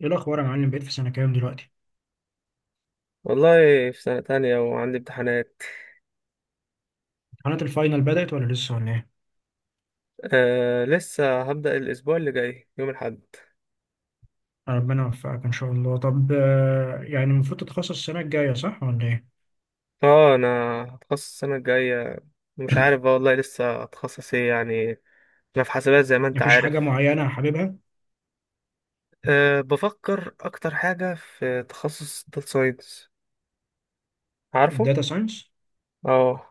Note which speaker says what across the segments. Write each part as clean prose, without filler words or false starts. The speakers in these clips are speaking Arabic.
Speaker 1: ايه الاخبار يا معلم؟ بقيت في سنه كام دلوقتي؟
Speaker 2: والله، في سنة تانية وعندي امتحانات.
Speaker 1: امتحانات الفاينل بدات ولا لسه ولا ايه؟
Speaker 2: آه، لسه هبدأ الأسبوع اللي جاي يوم الأحد.
Speaker 1: ربنا يوفقك ان شاء الله. طب، يعني المفروض تتخصص السنه الجايه، صح ولا ايه؟
Speaker 2: اه أنا هتخصص السنة الجاية. مش عارف بقى والله لسه هتخصص ايه يعني. أنا في حاسبات زي ما أنت
Speaker 1: مفيش حاجه
Speaker 2: عارف.
Speaker 1: معينه حاببها؟
Speaker 2: آه، بفكر أكتر حاجة في تخصص داتا ساينس. عارفه؟
Speaker 1: الداتا ساينس؟
Speaker 2: اه،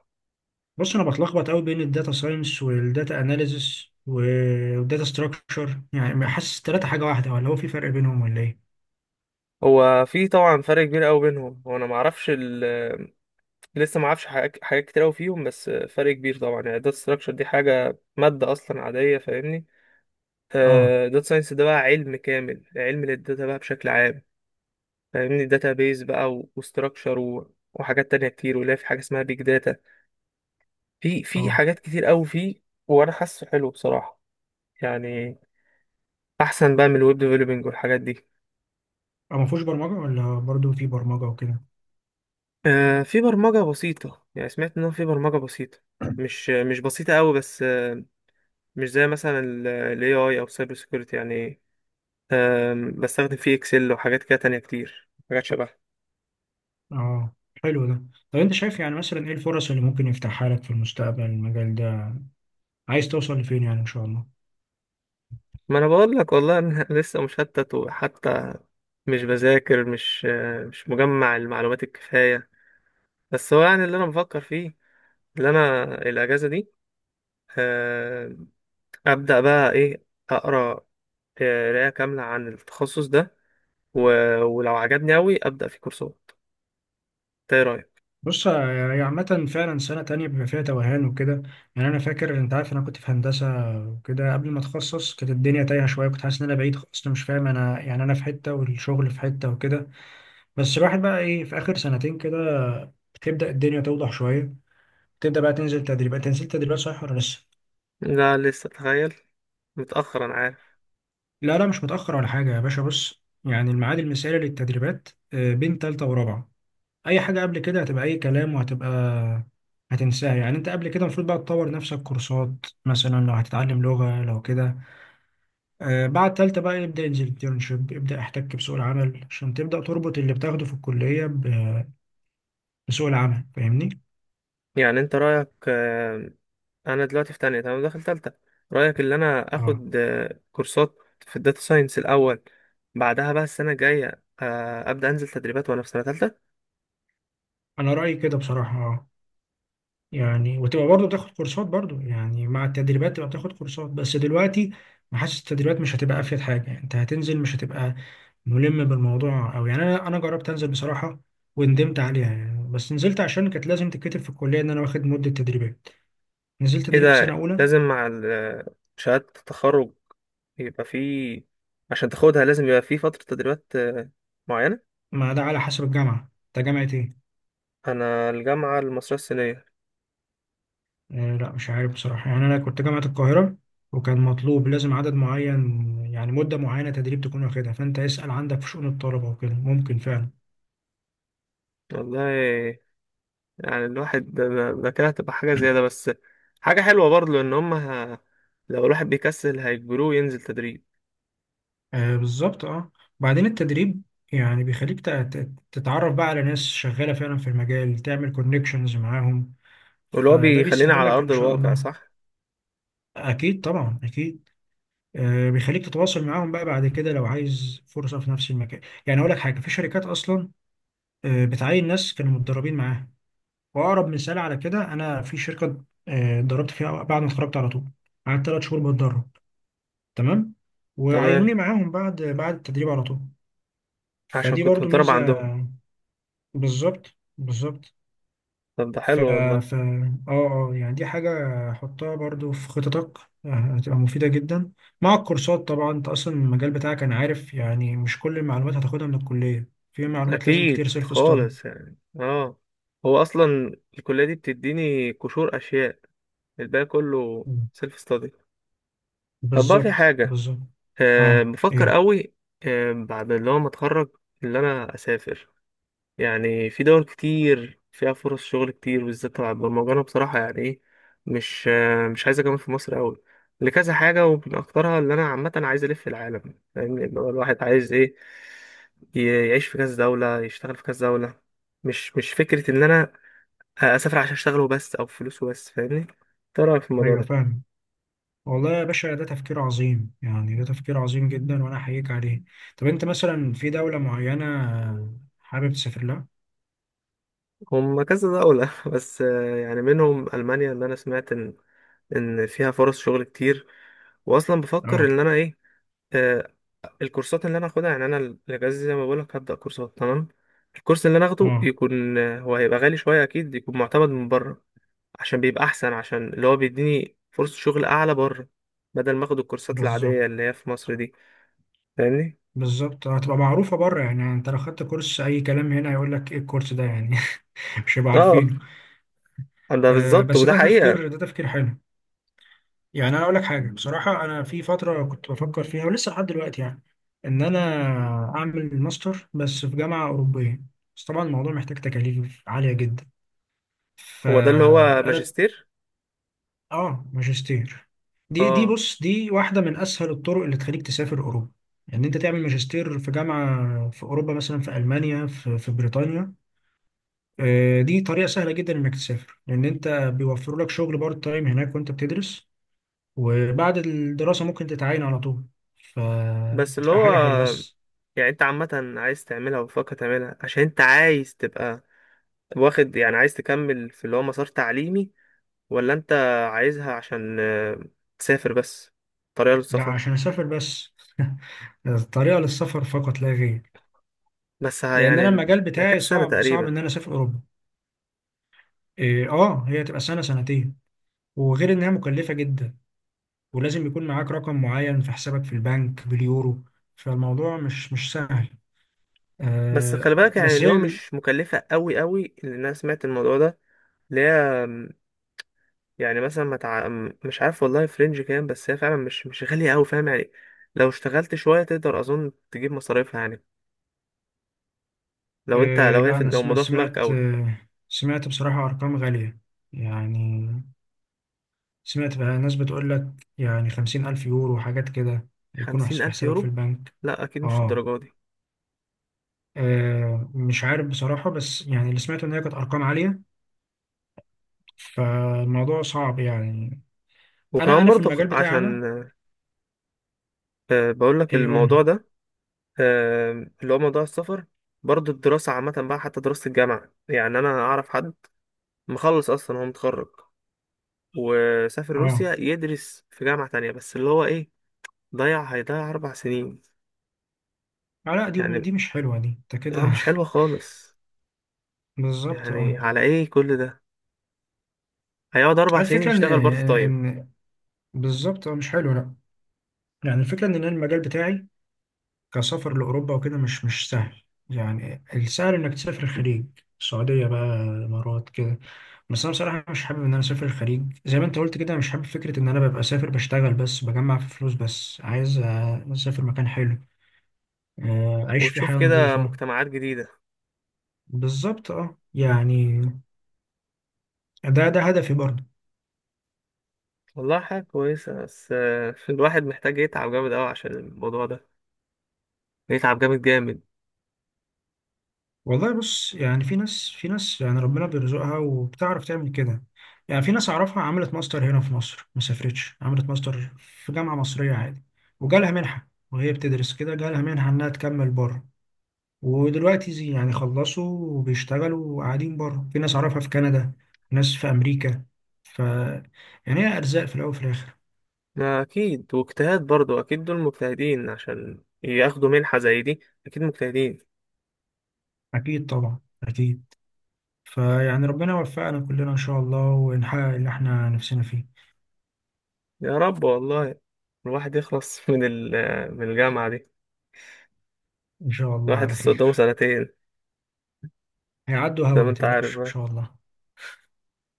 Speaker 1: بص، انا بتلخبط قوي بين الداتا ساينس والداتا اناليزس والداتا ستراكشر. يعني حاسس التلاته حاجه واحده، ولا هو في فرق بينهم ولا ايه؟
Speaker 2: هو في طبعا فرق كبير أوي بينهم. هو أنا معرفش ال، لسه معرفش حاجات كتير أوي فيهم، بس فرق كبير طبعا. يعني داتا ستراكشر دي حاجة مادة أصلا عادية، فاهمني؟
Speaker 1: اه.
Speaker 2: داتا ساينس ده بقى علم كامل، علم للداتا بقى بشكل عام، فاهمني؟ داتا بيز بقى، وستراكشر، وحاجات تانية كتير، ولا في حاجة اسمها بيج داتا. في
Speaker 1: اه.
Speaker 2: حاجات كتير قوي فيه. وانا حاسه حلو بصراحة، يعني احسن بقى من الويب ديفلوبينج والحاجات دي.
Speaker 1: اه. مفهوش برمجه، ولا برضو في برمجه وكده؟
Speaker 2: في برمجة بسيطة، يعني سمعت ان هو في برمجة بسيطة، مش بسيطة قوي بس، مش زي مثلا ال AI او سايبر سيكيورتي يعني. بستخدم فيه اكسل وحاجات كده تانية كتير، حاجات شبه.
Speaker 1: اه، حلو ده. طب انت شايف، يعني مثلا ايه الفرص اللي ممكن يفتحها لك في المستقبل المجال ده؟ عايز توصل لفين يعني ان شاء الله؟
Speaker 2: ما انا بقول لك والله انا لسه مشتت، وحتى مش بذاكر، مش مجمع المعلومات الكفاية. بس هو يعني اللي انا بفكر فيه، اللي انا الاجازة دي، آه، ابدأ بقى ايه، اقرا، قراية كاملة عن التخصص ده، و... ولو عجبني اوي ابدأ في كورسات. إنت ايه رأيك؟
Speaker 1: بص، هي عامة فعلا سنة تانية بيبقى فيها توهان وكده. يعني أنا فاكر، أنت عارف، أنا كنت في هندسة وكده قبل ما أتخصص، كانت الدنيا تايهة شوية، كنت حاسس إن أنا بعيد خالص، أنا مش فاهم، أنا يعني أنا في حتة والشغل في حتة وكده. بس الواحد بقى إيه في آخر 2 سنتين كده، تبدأ الدنيا توضح شوية، تبدأ بقى تنزل تدريبات، تنزل تدريبات، صح ولا لسه؟
Speaker 2: لا لسه، تخيل، متأخر انا عارف.
Speaker 1: لا، لا، مش متأخر ولا حاجة يا باشا. بص، يعني الميعاد المثالي للتدريبات بين تالتة ورابعة. اي حاجه قبل كده هتبقى اي كلام، وهتبقى هتنساها. يعني انت قبل كده المفروض بقى تطور نفسك كورسات، مثلا لو هتتعلم لغه لو كده. بعد تالتة بقى يبدا انترنشيب، يبدا احتك بسوق العمل عشان تبدا تربط اللي بتاخده في الكليه بسوق العمل، فاهمني.
Speaker 2: يعني انت رأيك، انا دلوقتي في تانية تمام، داخل تالتة، رأيك ان انا
Speaker 1: اه،
Speaker 2: اخد كورسات في الداتا ساينس الاول، بعدها بقى السنة الجاية ابدأ انزل تدريبات وانا في سنة تالتة؟
Speaker 1: انا رايي كده بصراحه، اه. يعني وتبقى برضه بتاخد كورسات، برضه يعني مع التدريبات تبقى بتاخد كورسات، بس دلوقتي حاسس التدريبات مش هتبقى افيد حاجه. يعني انت هتنزل مش هتبقى ملم بالموضوع أوي. يعني أنا جربت أنزل بصراحة وندمت عليها، يعني بس نزلت عشان كانت لازم تتكتب في الكلية إن أنا واخد مدة تدريبات، نزلت
Speaker 2: ايه
Speaker 1: تدريب في سنة
Speaker 2: ده،
Speaker 1: أولى.
Speaker 2: لازم مع شهادة التخرج يبقى في، عشان تاخدها لازم يبقى في فترة تدريبات معينة؟
Speaker 1: ما ده على حسب الجامعة، أنت جامعة إيه؟
Speaker 2: انا الجامعة المصرية الصينية.
Speaker 1: آه، لا، مش عارف بصراحة. يعني أنا كنت جامعة القاهرة، وكان مطلوب لازم عدد معين، يعني مدة معينة تدريب تكون واخدها. فأنت اسأل عندك في شؤون الطلبة وكده، ممكن فعلا.
Speaker 2: والله، يعني الواحد ده ده كده هتبقى حاجة زيادة بس، حاجة حلوة برضه، لان هم ه-، لو الواحد بيكسل هيجبروه ينزل تدريب.
Speaker 1: آه، بالظبط، أه. بعدين التدريب يعني بيخليك تتعرف بقى على ناس شغالة فعلا في المجال، تعمل كونكشنز معاهم،
Speaker 2: واللي هو
Speaker 1: فده
Speaker 2: بيخليني
Speaker 1: بيسهل
Speaker 2: على
Speaker 1: لك ان
Speaker 2: أرض
Speaker 1: شاء
Speaker 2: الواقع
Speaker 1: الله.
Speaker 2: صح؟
Speaker 1: اكيد طبعا، اكيد. بيخليك تتواصل معاهم بقى بعد كده لو عايز فرصه في نفس المكان. يعني اقول لك حاجه، في شركات اصلا بتعين ناس كانوا متدربين معاها. واقرب مثال على كده، انا في شركه اتدربت فيها بعد ما اتخرجت على طول، قعدت 3 شهور بتدرب، تمام، وعينوني
Speaker 2: تمام،
Speaker 1: معاهم بعد التدريب على طول.
Speaker 2: عشان
Speaker 1: فدي
Speaker 2: كنت
Speaker 1: برضو
Speaker 2: متدرب
Speaker 1: ميزه.
Speaker 2: عندهم.
Speaker 1: بالظبط، بالظبط.
Speaker 2: طب ده
Speaker 1: ف
Speaker 2: حلو
Speaker 1: ف
Speaker 2: والله.
Speaker 1: اه اه يعني دي حاجة حطها برضو في خططك، آه، هتبقى مفيدة جدا مع الكورسات طبعا. انت اصلا المجال بتاعك انا عارف، يعني مش كل المعلومات هتاخدها من الكلية، في معلومات لازم
Speaker 2: أكيد
Speaker 1: كتير سيلف ستادي.
Speaker 2: خالص يعني اه، هو أصلا الكلية دي بتديني قشور أشياء، الباقي كله سيلف ستادي. طب بقى في
Speaker 1: بالظبط،
Speaker 2: حاجة،
Speaker 1: بالظبط.
Speaker 2: أه
Speaker 1: اه،
Speaker 2: بفكر
Speaker 1: ايه؟
Speaker 2: قوي، أه، بعد اللي هو ما أتخرج، اللي أنا أسافر. يعني في دول كتير فيها فرص شغل كتير، بالذات تبع البرمجة. أنا بصراحة يعني إيه، مش عايز أكمل في مصر أوي لكذا حاجة، ومن أكترها اللي أنا عامة عايز ألف العالم، فاهمني؟ اللي هو الواحد عايز إيه، يعيش في كذا دولة، يشتغل في كذا دولة. مش فكرة إن أنا أسافر عشان أشتغل وبس، أو فلوس وبس، فاهمني؟ إنت إيه رأيك في الموضوع
Speaker 1: ايوه،
Speaker 2: ده؟
Speaker 1: فاهم. والله يا باشا ده تفكير عظيم، يعني ده تفكير عظيم جدا، وانا احييك عليه. طب انت مثلا في دولة معينة حابب تسافر لها؟
Speaker 2: هم كذا دولة بس يعني منهم ألمانيا، اللي أنا سمعت إن فيها فرص شغل كتير. وأصلا بفكر
Speaker 1: اه.
Speaker 2: إن أنا إيه، آه، الكورسات اللي انا هاخدها، يعني انا الاجازه زي ما بقولك هبدا كورسات، تمام. الكورس اللي انا هاخده
Speaker 1: اه.
Speaker 2: يكون، هو هيبقى غالي شويه اكيد، يكون معتمد من بره، عشان بيبقى احسن، عشان اللي هو بيديني فرصه شغل اعلى بره، بدل ما اخد الكورسات
Speaker 1: بالظبط،
Speaker 2: العاديه اللي هي في مصر دي، فاهمني؟
Speaker 1: بالظبط. هتبقى معروفة بره. يعني انت لو خدت كورس أي كلام هنا، هيقول لك ايه الكورس ده يعني. مش هيبقى
Speaker 2: اه،
Speaker 1: عارفينه.
Speaker 2: ده
Speaker 1: آه،
Speaker 2: بالظبط،
Speaker 1: بس
Speaker 2: وده
Speaker 1: ده
Speaker 2: حقيقه.
Speaker 1: تفكير، ده تفكير حلو. يعني أنا أقول لك حاجة بصراحة، أنا في فترة كنت بفكر فيها، ولسه لحد دلوقتي يعني، إن أنا أعمل ماستر، بس في جامعة أوروبية. بس طبعا الموضوع محتاج تكاليف عالية جدا،
Speaker 2: هو ده اللي هو
Speaker 1: فأنا.
Speaker 2: ماجستير؟
Speaker 1: آه، ماجستير. دي
Speaker 2: اه.
Speaker 1: بص، دي واحدة من أسهل الطرق اللي تخليك تسافر أوروبا. إن يعني أنت تعمل ماجستير في جامعة في أوروبا، مثلا في ألمانيا، في بريطانيا. دي طريقة سهلة جدا إنك تسافر، لأن أنت بيوفروا لك شغل بارت تايم هناك وأنت بتدرس، وبعد الدراسة ممكن تتعين على طول،
Speaker 2: بس اللي
Speaker 1: فتبقى
Speaker 2: هو،
Speaker 1: حاجة حلوة، بس.
Speaker 2: يعني انت عامه عايز تعملها وبتفكر تعملها عشان انت عايز تبقى واخد، يعني عايز تكمل في اللي هو مسار تعليمي؟ ولا انت عايزها عشان تسافر بس، طريقة
Speaker 1: ده
Speaker 2: للسفر؟
Speaker 1: عشان أسافر بس. الطريقة للسفر فقط لا غير.
Speaker 2: بس ها
Speaker 1: لأن
Speaker 2: يعني
Speaker 1: أنا المجال
Speaker 2: ده كده
Speaker 1: بتاعي
Speaker 2: سنة
Speaker 1: صعب صعب
Speaker 2: تقريبا.
Speaker 1: إن أنا أسافر أوروبا. إيه، هي تبقى سنة، 2 سنتين، وغير إنها مكلفة جدا، ولازم يكون معاك رقم معين في حسابك في البنك باليورو. فالموضوع مش سهل،
Speaker 2: بس
Speaker 1: آه.
Speaker 2: خلي بالك، يعني
Speaker 1: بس
Speaker 2: اللي هو
Speaker 1: هي.
Speaker 2: مش مكلفة قوي قوي، لأن أنا سمعت الموضوع ده، اللي هي م، يعني مثلا ما تع... م، مش عارف والله فرنج كام، بس هي فعلا مش غالية قوي، فاهم يعني؟ لو اشتغلت شوية تقدر أظن تجيب مصاريفها يعني، لو انت
Speaker 1: إيه،
Speaker 2: لو هي
Speaker 1: لا، أنا
Speaker 2: لو الموضوع في دماغك قوي.
Speaker 1: سمعت بصراحة أرقام غالية. يعني سمعت بقى ناس بتقول لك، يعني 50,000 يورو وحاجات كده، يكونوا
Speaker 2: خمسين
Speaker 1: في
Speaker 2: ألف
Speaker 1: حسابك في
Speaker 2: يورو
Speaker 1: البنك.
Speaker 2: لا أكيد مش
Speaker 1: آه.
Speaker 2: الدرجة دي.
Speaker 1: مش عارف بصراحة، بس يعني اللي سمعته إن هي كانت أرقام عالية، فالموضوع صعب يعني. أنا
Speaker 2: وكمان
Speaker 1: أنا في
Speaker 2: برضه
Speaker 1: المجال بتاعي، أنا
Speaker 2: عشان بقول لك الموضوع
Speaker 1: يقول.
Speaker 2: ده، اللي هو موضوع السفر. برضه الدراسة عامة بقى، حتى دراسة الجامعة، يعني أنا أعرف حد مخلص أصلا، هو متخرج، وسافر
Speaker 1: آه.
Speaker 2: روسيا يدرس في جامعة تانية، بس اللي هو إيه، ضيع، هيضيع 4 سنين
Speaker 1: لا، دي
Speaker 2: يعني.
Speaker 1: دي مش حلوة، دي أنت
Speaker 2: آه
Speaker 1: كده.
Speaker 2: مش حلوة خالص،
Speaker 1: بالظبط،
Speaker 2: يعني
Speaker 1: آه.
Speaker 2: على إيه كل ده؟ هيقعد 4 سنين
Speaker 1: الفكرة إن،
Speaker 2: يشتغل بارت تايم.
Speaker 1: إن، بالظبط، مش حلوة، لا. يعني الفكرة إن أنا المجال بتاعي كسفر لأوروبا وكده مش سهل. يعني السهل إنك تسافر الخليج، السعودية بقى، الإمارات كده. بس أنا بصراحة مش حابب إن أنا أسافر الخليج، زي ما أنت قلت كده، مش حابب فكرة إن أنا ببقى سافر بشتغل بس، بجمع في فلوس بس، عايز أسافر مكان حلو، أعيش فيه
Speaker 2: وتشوف
Speaker 1: حياة
Speaker 2: كده
Speaker 1: نظيفة.
Speaker 2: مجتمعات جديدة.
Speaker 1: بالظبط، أه يعني، ده هدفي برضه.
Speaker 2: والله حاجة كويسة، بس الواحد محتاج يتعب جامد أوي عشان الموضوع ده، يتعب جامد جامد.
Speaker 1: والله بص، يعني في ناس يعني ربنا بيرزقها وبتعرف تعمل كده. يعني في ناس أعرفها عملت ماستر هنا في مصر، ما سافرتش، عملت ماستر في جامعة مصرية عادي، وجالها منحة، وهي بتدرس كده جالها منحة إنها تكمل بره، ودلوقتي زي يعني خلصوا وبيشتغلوا وقاعدين بره. في ناس أعرفها في كندا، ناس في أمريكا. ف يعني هي أرزاق في الأول وفي الآخر.
Speaker 2: ما أكيد، واجتهاد برضو، أكيد دول مجتهدين عشان ياخدوا منحة زي دي، أكيد مجتهدين.
Speaker 1: أكيد طبعا، أكيد. فيعني ربنا يوفقنا كلنا إن شاء الله، ونحقق اللي إحنا نفسنا فيه.
Speaker 2: يا رب والله، الواحد يخلص من ال، من الجامعة دي.
Speaker 1: إن شاء الله
Speaker 2: الواحد
Speaker 1: على
Speaker 2: لسه قدامه
Speaker 1: خير.
Speaker 2: سنتين،
Speaker 1: هيعدوا
Speaker 2: زي
Speaker 1: هوا،
Speaker 2: ما
Speaker 1: ما
Speaker 2: أنت عارف
Speaker 1: تقلقش ان
Speaker 2: بقى.
Speaker 1: شاء الله.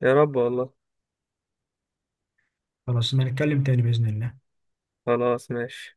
Speaker 2: يا رب والله.
Speaker 1: خلاص، ما نتكلم تاني باذن الله.
Speaker 2: خلاص ماشي.